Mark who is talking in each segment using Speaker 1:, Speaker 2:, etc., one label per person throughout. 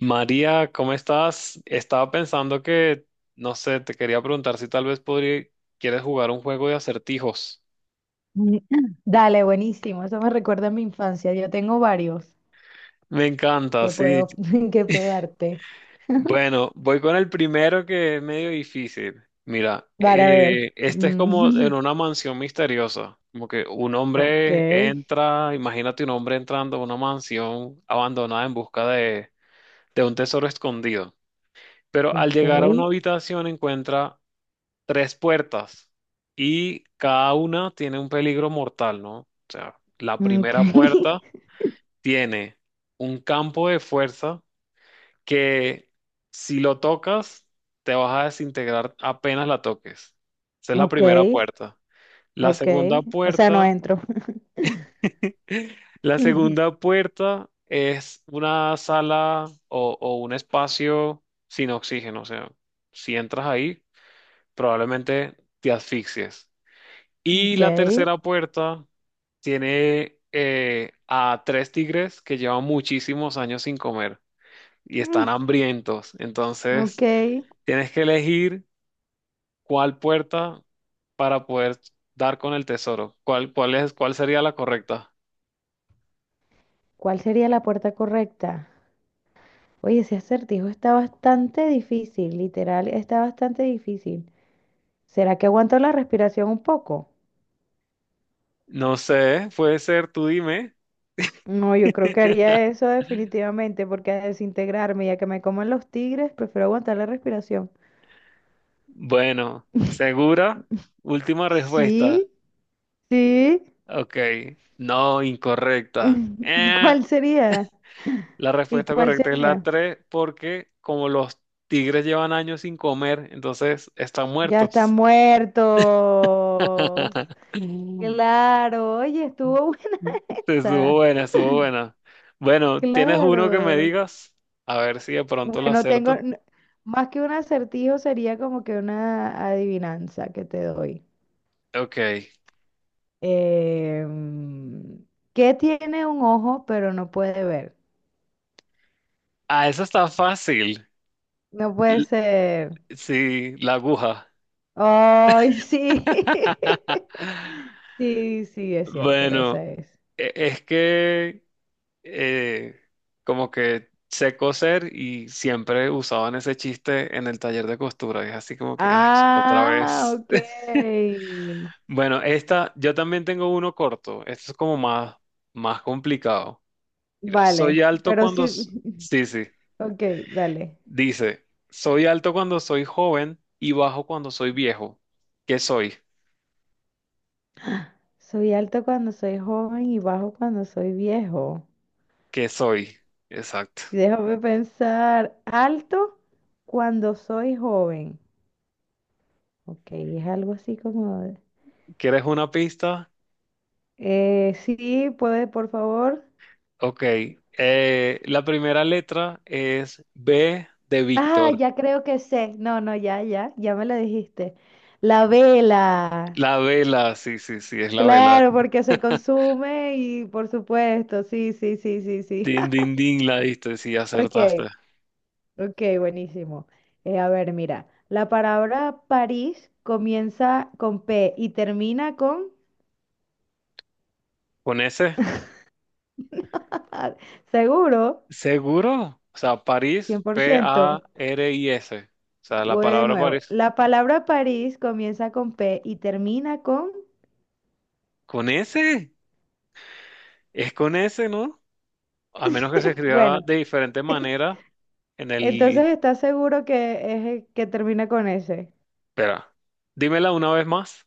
Speaker 1: María, ¿cómo estás? Estaba pensando que, no sé, te quería preguntar si tal vez podría, quieres jugar un juego de acertijos.
Speaker 2: Mm, Dale, buenísimo. Eso me recuerda a mi infancia. Yo tengo varios
Speaker 1: Me encanta,
Speaker 2: que
Speaker 1: sí.
Speaker 2: puedo, que puedo darte.
Speaker 1: Bueno, voy con el primero que es medio difícil. Mira,
Speaker 2: Para ver.
Speaker 1: este es como
Speaker 2: Mm,
Speaker 1: en una mansión misteriosa, como que un
Speaker 2: Ok,
Speaker 1: hombre entra, imagínate un hombre entrando a una mansión abandonada en busca de un tesoro escondido. Pero al
Speaker 2: ok,
Speaker 1: llegar a una habitación encuentra tres puertas y cada una tiene un peligro mortal, ¿no? O sea, la
Speaker 2: ok,
Speaker 1: primera puerta tiene un campo de fuerza que si lo tocas te vas a desintegrar apenas la toques. Esa es la
Speaker 2: ok,
Speaker 1: primera puerta. La
Speaker 2: ok.
Speaker 1: segunda
Speaker 2: O sea, no
Speaker 1: puerta,
Speaker 2: entro.
Speaker 1: la segunda puerta es una sala o un espacio sin oxígeno, o sea, si entras ahí probablemente te asfixies. Y
Speaker 2: Ok,
Speaker 1: la tercera puerta tiene a tres tigres que llevan muchísimos años sin comer y están
Speaker 2: mm,
Speaker 1: hambrientos.
Speaker 2: ok.
Speaker 1: Entonces, tienes que elegir cuál puerta para poder dar con el tesoro. ¿Cuál sería la correcta?
Speaker 2: ¿Cuál sería la puerta correcta? Oye, ese acertijo está bastante difícil, literal, está bastante difícil. ¿Será que aguanto la respiración un poco?
Speaker 1: No sé, puede ser, tú dime.
Speaker 2: No, yo creo que haría eso definitivamente, porque a desintegrarme y a que me coman los tigres, prefiero aguantar la respiración.
Speaker 1: Bueno, ¿segura? Última respuesta.
Speaker 2: Sí, sí.
Speaker 1: Ok, no, incorrecta.
Speaker 2: ¿Cuál sería?
Speaker 1: La
Speaker 2: ¿Y
Speaker 1: respuesta
Speaker 2: cuál
Speaker 1: correcta es la
Speaker 2: sería?
Speaker 1: 3 porque como los tigres llevan años sin comer, entonces están
Speaker 2: Ya está
Speaker 1: muertos.
Speaker 2: muerto. Claro, oye, estuvo buena
Speaker 1: Mm. Estuvo
Speaker 2: esa.
Speaker 1: buena, estuvo buena. Bueno, ¿tienes uno que me
Speaker 2: Claro.
Speaker 1: digas? A ver si de pronto lo
Speaker 2: Bueno, tengo
Speaker 1: acierto.
Speaker 2: más que un acertijo, sería como que una adivinanza que te doy.
Speaker 1: Ok.
Speaker 2: Em, ¿Qué tiene un ojo pero no puede ver?
Speaker 1: Ah, eso está fácil.
Speaker 2: No puede
Speaker 1: L-
Speaker 2: ser.
Speaker 1: sí, la aguja.
Speaker 2: Ay, sí. Sí, sí, es cierto, esa
Speaker 1: Bueno,
Speaker 2: es.
Speaker 1: es que eh, como que sé coser y siempre usaban ese chiste en el taller de costura. Y es así como que, ay, sí, otra
Speaker 2: Ah,
Speaker 1: vez.
Speaker 2: ok.
Speaker 1: Bueno, esta, yo también tengo uno corto. Esto es como más, más complicado. Mira,
Speaker 2: Vale,
Speaker 1: soy alto
Speaker 2: pero
Speaker 1: cuando...
Speaker 2: sí.
Speaker 1: s- Sí, sí.
Speaker 2: Ok, dale.
Speaker 1: Dice, soy alto cuando soy joven y bajo cuando soy viejo. ¿Qué soy?
Speaker 2: Soy alto cuando soy joven y bajo cuando soy viejo.
Speaker 1: ¿Qué soy? Exacto.
Speaker 2: Déjame pensar. Alto cuando soy joven. Ok, es algo así como... de-
Speaker 1: ¿Quieres una pista?
Speaker 2: Sí, puede, por favor.
Speaker 1: Ok. La primera letra es B de
Speaker 2: Ah,
Speaker 1: Víctor.
Speaker 2: ya creo que sé. No, no, ya, ya, ya me lo dijiste. La vela.
Speaker 1: La vela, sí, sí, sí, es la vela.
Speaker 2: Claro, porque se consume y por supuesto, sí, sí, sí, sí, sí.
Speaker 1: Din, din, din, la diste, sí,
Speaker 2: Ok,
Speaker 1: acertaste.
Speaker 2: ok, buenísimo. A ver, mira, la palabra París comienza con P y termina con...
Speaker 1: ¿Con ese?
Speaker 2: Seguro,
Speaker 1: ¿Seguro? O sea,
Speaker 2: cien
Speaker 1: París,
Speaker 2: por ciento.
Speaker 1: PARIS. O sea, la
Speaker 2: Voy de
Speaker 1: palabra
Speaker 2: nuevo.
Speaker 1: París.
Speaker 2: La palabra París comienza con P y termina con...
Speaker 1: ¿Con ese? Es con ese, ¿no? A menos que se escriba
Speaker 2: Bueno,
Speaker 1: de diferente manera en el...
Speaker 2: entonces, ¿estás seguro que es el que termina con ese?
Speaker 1: Espera, dímela una vez más.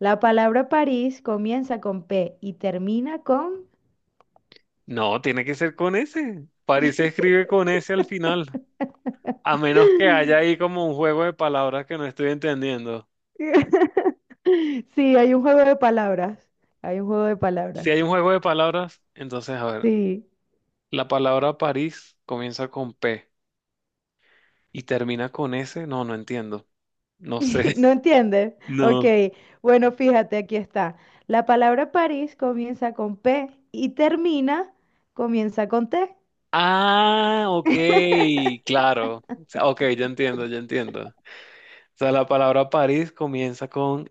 Speaker 2: La palabra París comienza con P y termina con...
Speaker 1: No, tiene que ser con ese. París se escribe con ese al final. A menos que haya ahí como un juego de palabras que no estoy entendiendo.
Speaker 2: Sí, hay un juego de palabras. Hay un juego de
Speaker 1: Si
Speaker 2: palabras.
Speaker 1: hay un juego de palabras, entonces, a ver.
Speaker 2: Sí.
Speaker 1: La palabra París comienza con P y termina con S. No, no entiendo. No sé.
Speaker 2: ¿No entiendes? Ok.
Speaker 1: No.
Speaker 2: Bueno, fíjate, aquí está. La palabra París comienza con P y termina, comienza con T.
Speaker 1: Ah, ok, claro. O sea, ok, ya entiendo, ya entiendo. O sea, la palabra París comienza con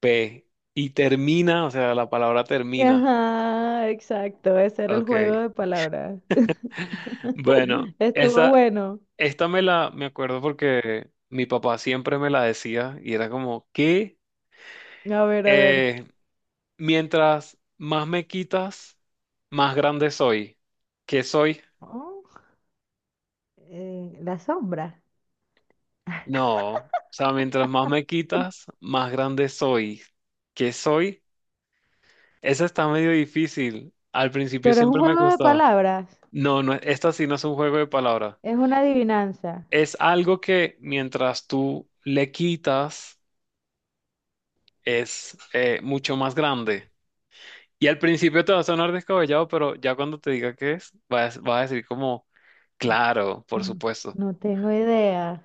Speaker 1: P y termina, o sea, la palabra termina.
Speaker 2: Ajá, exacto. Ese era el
Speaker 1: Ok.
Speaker 2: juego de palabras.
Speaker 1: Bueno,
Speaker 2: Estuvo
Speaker 1: esa,
Speaker 2: bueno.
Speaker 1: esta me acuerdo porque mi papá siempre me la decía y era como, ¿qué?
Speaker 2: A ver, a ver.
Speaker 1: Eh, Mientras más me quitas, más grande soy. ¿Qué soy?
Speaker 2: Oh, la sombra.
Speaker 1: No. O sea, mientras más me quitas, más grande soy. ¿Qué soy? Esa está medio difícil. Al principio
Speaker 2: Pero es un
Speaker 1: siempre me
Speaker 2: juego de
Speaker 1: costaba.
Speaker 2: palabras.
Speaker 1: No, no, esta sí no es un juego de palabras.
Speaker 2: Es una adivinanza.
Speaker 1: Es algo que mientras tú le quitas, es mucho más grande. Y al principio te va a sonar descabellado, pero ya cuando te diga qué es, vas a decir como, claro, por
Speaker 2: No,
Speaker 1: supuesto.
Speaker 2: no tengo idea.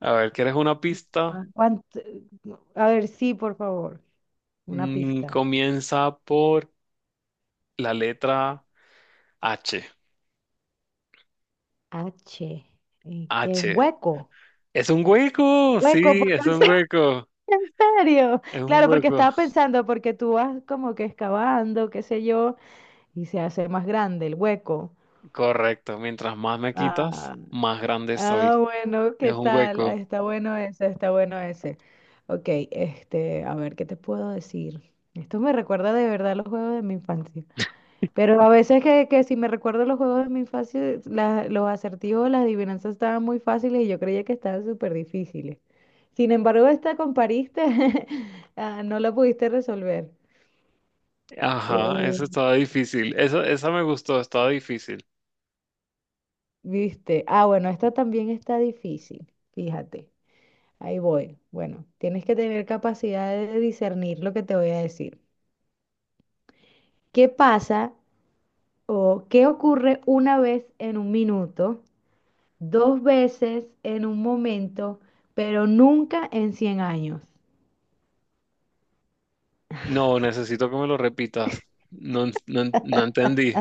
Speaker 1: A ver, ¿quieres una pista?
Speaker 2: Ah. A ver, sí, por favor. Una
Speaker 1: Mm,
Speaker 2: pista.
Speaker 1: comienza por la letra H.
Speaker 2: H. ¿Qué? ¿Un
Speaker 1: H.
Speaker 2: hueco?
Speaker 1: Es un hueco,
Speaker 2: Hueco,
Speaker 1: sí,
Speaker 2: porque
Speaker 1: es
Speaker 2: en
Speaker 1: un hueco,
Speaker 2: en serio.
Speaker 1: es un
Speaker 2: Claro, porque
Speaker 1: hueco.
Speaker 2: estaba pensando, porque tú vas como que excavando, qué sé yo, y se hace más grande el hueco.
Speaker 1: Correcto, mientras más me quitas, más grande
Speaker 2: Ah,
Speaker 1: soy.
Speaker 2: bueno,
Speaker 1: Es
Speaker 2: ¿qué
Speaker 1: un
Speaker 2: tal? Ah,
Speaker 1: hueco.
Speaker 2: está bueno ese, está bueno ese. Ok, este, a ver, ¿qué te puedo decir? Esto me recuerda de verdad los juegos de mi infancia. Pero a veces que si me recuerdo los juegos de mi infancia, los acertijos, las adivinanzas estaban muy fáciles y yo creía que estaban súper difíciles. Sin embargo, esta compariste, ah, no la pudiste resolver.
Speaker 1: Ajá,
Speaker 2: Eh,
Speaker 1: eso estaba difícil. Eso, esa me gustó, estaba difícil.
Speaker 2: ¿Viste? Ah, bueno, esta también está difícil, fíjate. Ahí voy. Bueno, tienes que tener capacidad de discernir lo que te voy a decir. ¿Qué pasa o qué ocurre una vez en un minuto, dos veces en un momento, pero nunca en 100 años?
Speaker 1: No, necesito que me lo repitas. No entendí.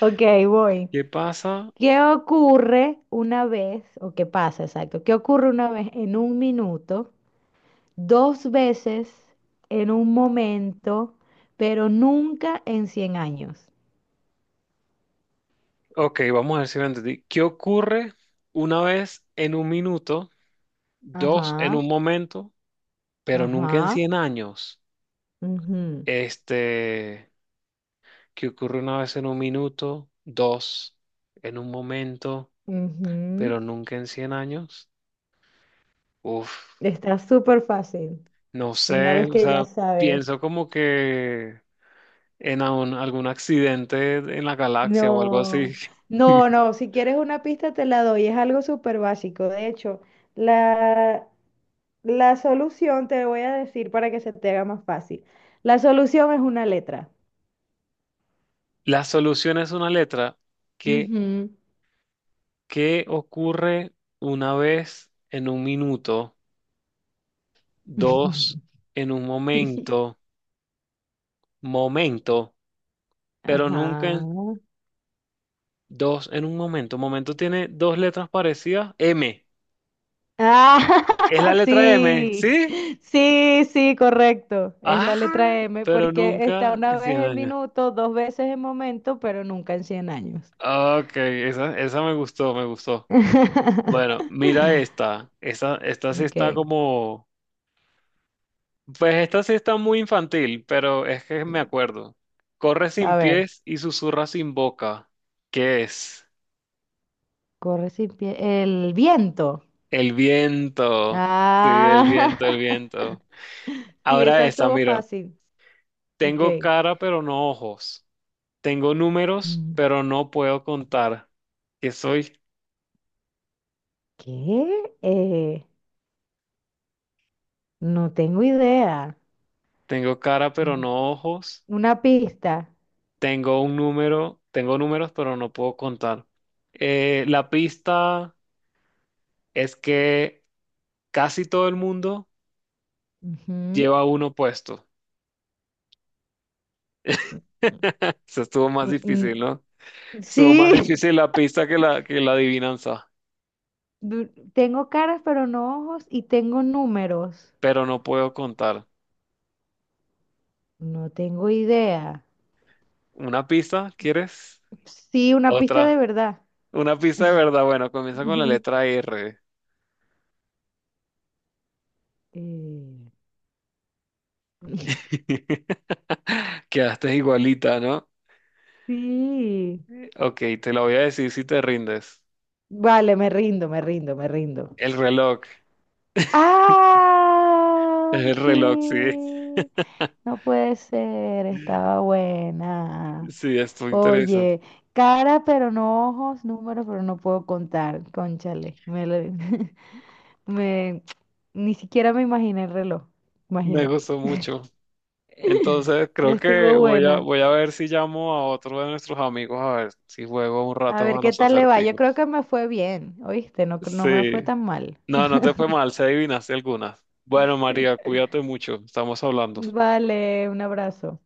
Speaker 2: Ok, voy.
Speaker 1: ¿Qué pasa?
Speaker 2: ¿Qué ocurre una vez, o qué pasa, exacto? ¿Qué ocurre una vez en un minuto, dos veces en un momento, pero nunca en cien años?
Speaker 1: Ok, vamos a ver si lo entendí. ¿Qué ocurre una vez en un minuto? Dos en
Speaker 2: Ajá,
Speaker 1: un momento, pero nunca en
Speaker 2: ajá.
Speaker 1: 100 años.
Speaker 2: Ujú.
Speaker 1: Este, que ocurre una vez en un minuto, dos en un momento,
Speaker 2: Ujú.
Speaker 1: pero nunca en 100 años. Uf,
Speaker 2: Está súper fácil,
Speaker 1: no
Speaker 2: una vez
Speaker 1: sé, o
Speaker 2: que ya
Speaker 1: sea,
Speaker 2: sabes.
Speaker 1: pienso como que en algún accidente en la galaxia o algo así.
Speaker 2: No, no, no, si quieres una pista te la doy, es algo súper básico. De hecho, la, la solución te voy a decir para que se te haga más fácil. La solución es una letra.
Speaker 1: La solución es una letra que,
Speaker 2: Ujú.
Speaker 1: que ocurre una vez en un minuto, dos en un momento, pero nunca
Speaker 2: Ajá.
Speaker 1: en dos en un momento. Momento tiene dos letras parecidas. M.
Speaker 2: Ah,
Speaker 1: Es la letra M,
Speaker 2: sí,
Speaker 1: ¿sí?
Speaker 2: sí, sí, correcto. Es la
Speaker 1: Ah,
Speaker 2: letra M
Speaker 1: pero
Speaker 2: porque está
Speaker 1: nunca en
Speaker 2: una vez
Speaker 1: 100
Speaker 2: en
Speaker 1: años.
Speaker 2: minuto, dos veces en momento, pero nunca en cien años.
Speaker 1: Ok, esa me gustó, me gustó. Bueno, mira esta. Esta sí está
Speaker 2: Ok,
Speaker 1: como... Pues esta sí está muy infantil, pero es que me acuerdo. Corre sin
Speaker 2: a ver,
Speaker 1: pies y susurra sin boca. ¿Qué es?
Speaker 2: corre sin pie. El viento.
Speaker 1: El viento. Sí, el
Speaker 2: Ah,
Speaker 1: viento, el viento.
Speaker 2: sí,
Speaker 1: Ahora
Speaker 2: esa
Speaker 1: esta,
Speaker 2: estuvo
Speaker 1: mira.
Speaker 2: fácil. Ok.
Speaker 1: Tengo cara, pero no ojos. Tengo números,
Speaker 2: Mm,
Speaker 1: pero no puedo contar. ¿Qué soy?
Speaker 2: ¿Qué? No tengo idea.
Speaker 1: Tengo cara, pero
Speaker 2: Mm,
Speaker 1: no ojos.
Speaker 2: Una pista.
Speaker 1: Tengo números, pero no puedo contar. La pista es que casi todo el mundo
Speaker 2: Ujú.
Speaker 1: lleva uno puesto. Eso estuvo más
Speaker 2: Eh,
Speaker 1: difícil, ¿no?
Speaker 2: mm,
Speaker 1: Estuvo más
Speaker 2: Sí,
Speaker 1: difícil la pista que que la adivinanza,
Speaker 2: du- tengo caras pero no ojos y tengo números.
Speaker 1: pero no puedo contar.
Speaker 2: No tengo idea.
Speaker 1: ¿Una pista? ¿Quieres?
Speaker 2: Sí, una pista de
Speaker 1: Otra.
Speaker 2: verdad.
Speaker 1: Una pista de verdad. Bueno, comienza con la letra R.
Speaker 2: Eh,
Speaker 1: Quedaste igualita, ¿no?
Speaker 2: sí.
Speaker 1: Ok, te lo voy a decir si te rindes.
Speaker 2: Vale, me rindo, me rindo, me rindo.
Speaker 1: El reloj, es
Speaker 2: ¡Ay,
Speaker 1: el reloj, sí.
Speaker 2: qué! No puede ser, estaba buena.
Speaker 1: Sí, estuvo interesante.
Speaker 2: Oye, cara pero no ojos, números pero no puedo contar. Cónchale, Me, ni siquiera me imaginé el reloj,
Speaker 1: Me
Speaker 2: imagínate.
Speaker 1: gustó mucho. Entonces, creo que
Speaker 2: Estuvo
Speaker 1: voy a,
Speaker 2: buena.
Speaker 1: voy a ver si llamo a otro de nuestros amigos a ver si juego un
Speaker 2: A
Speaker 1: rato
Speaker 2: ver
Speaker 1: a
Speaker 2: qué
Speaker 1: los
Speaker 2: tal le va. Yo creo
Speaker 1: acertijos.
Speaker 2: que me fue bien, ¿oíste? No, no me
Speaker 1: Sí.
Speaker 2: fue tan mal.
Speaker 1: No, no te fue mal, se adivinaste algunas. Bueno, María, cuídate mucho. Estamos hablando.
Speaker 2: Vale, un abrazo.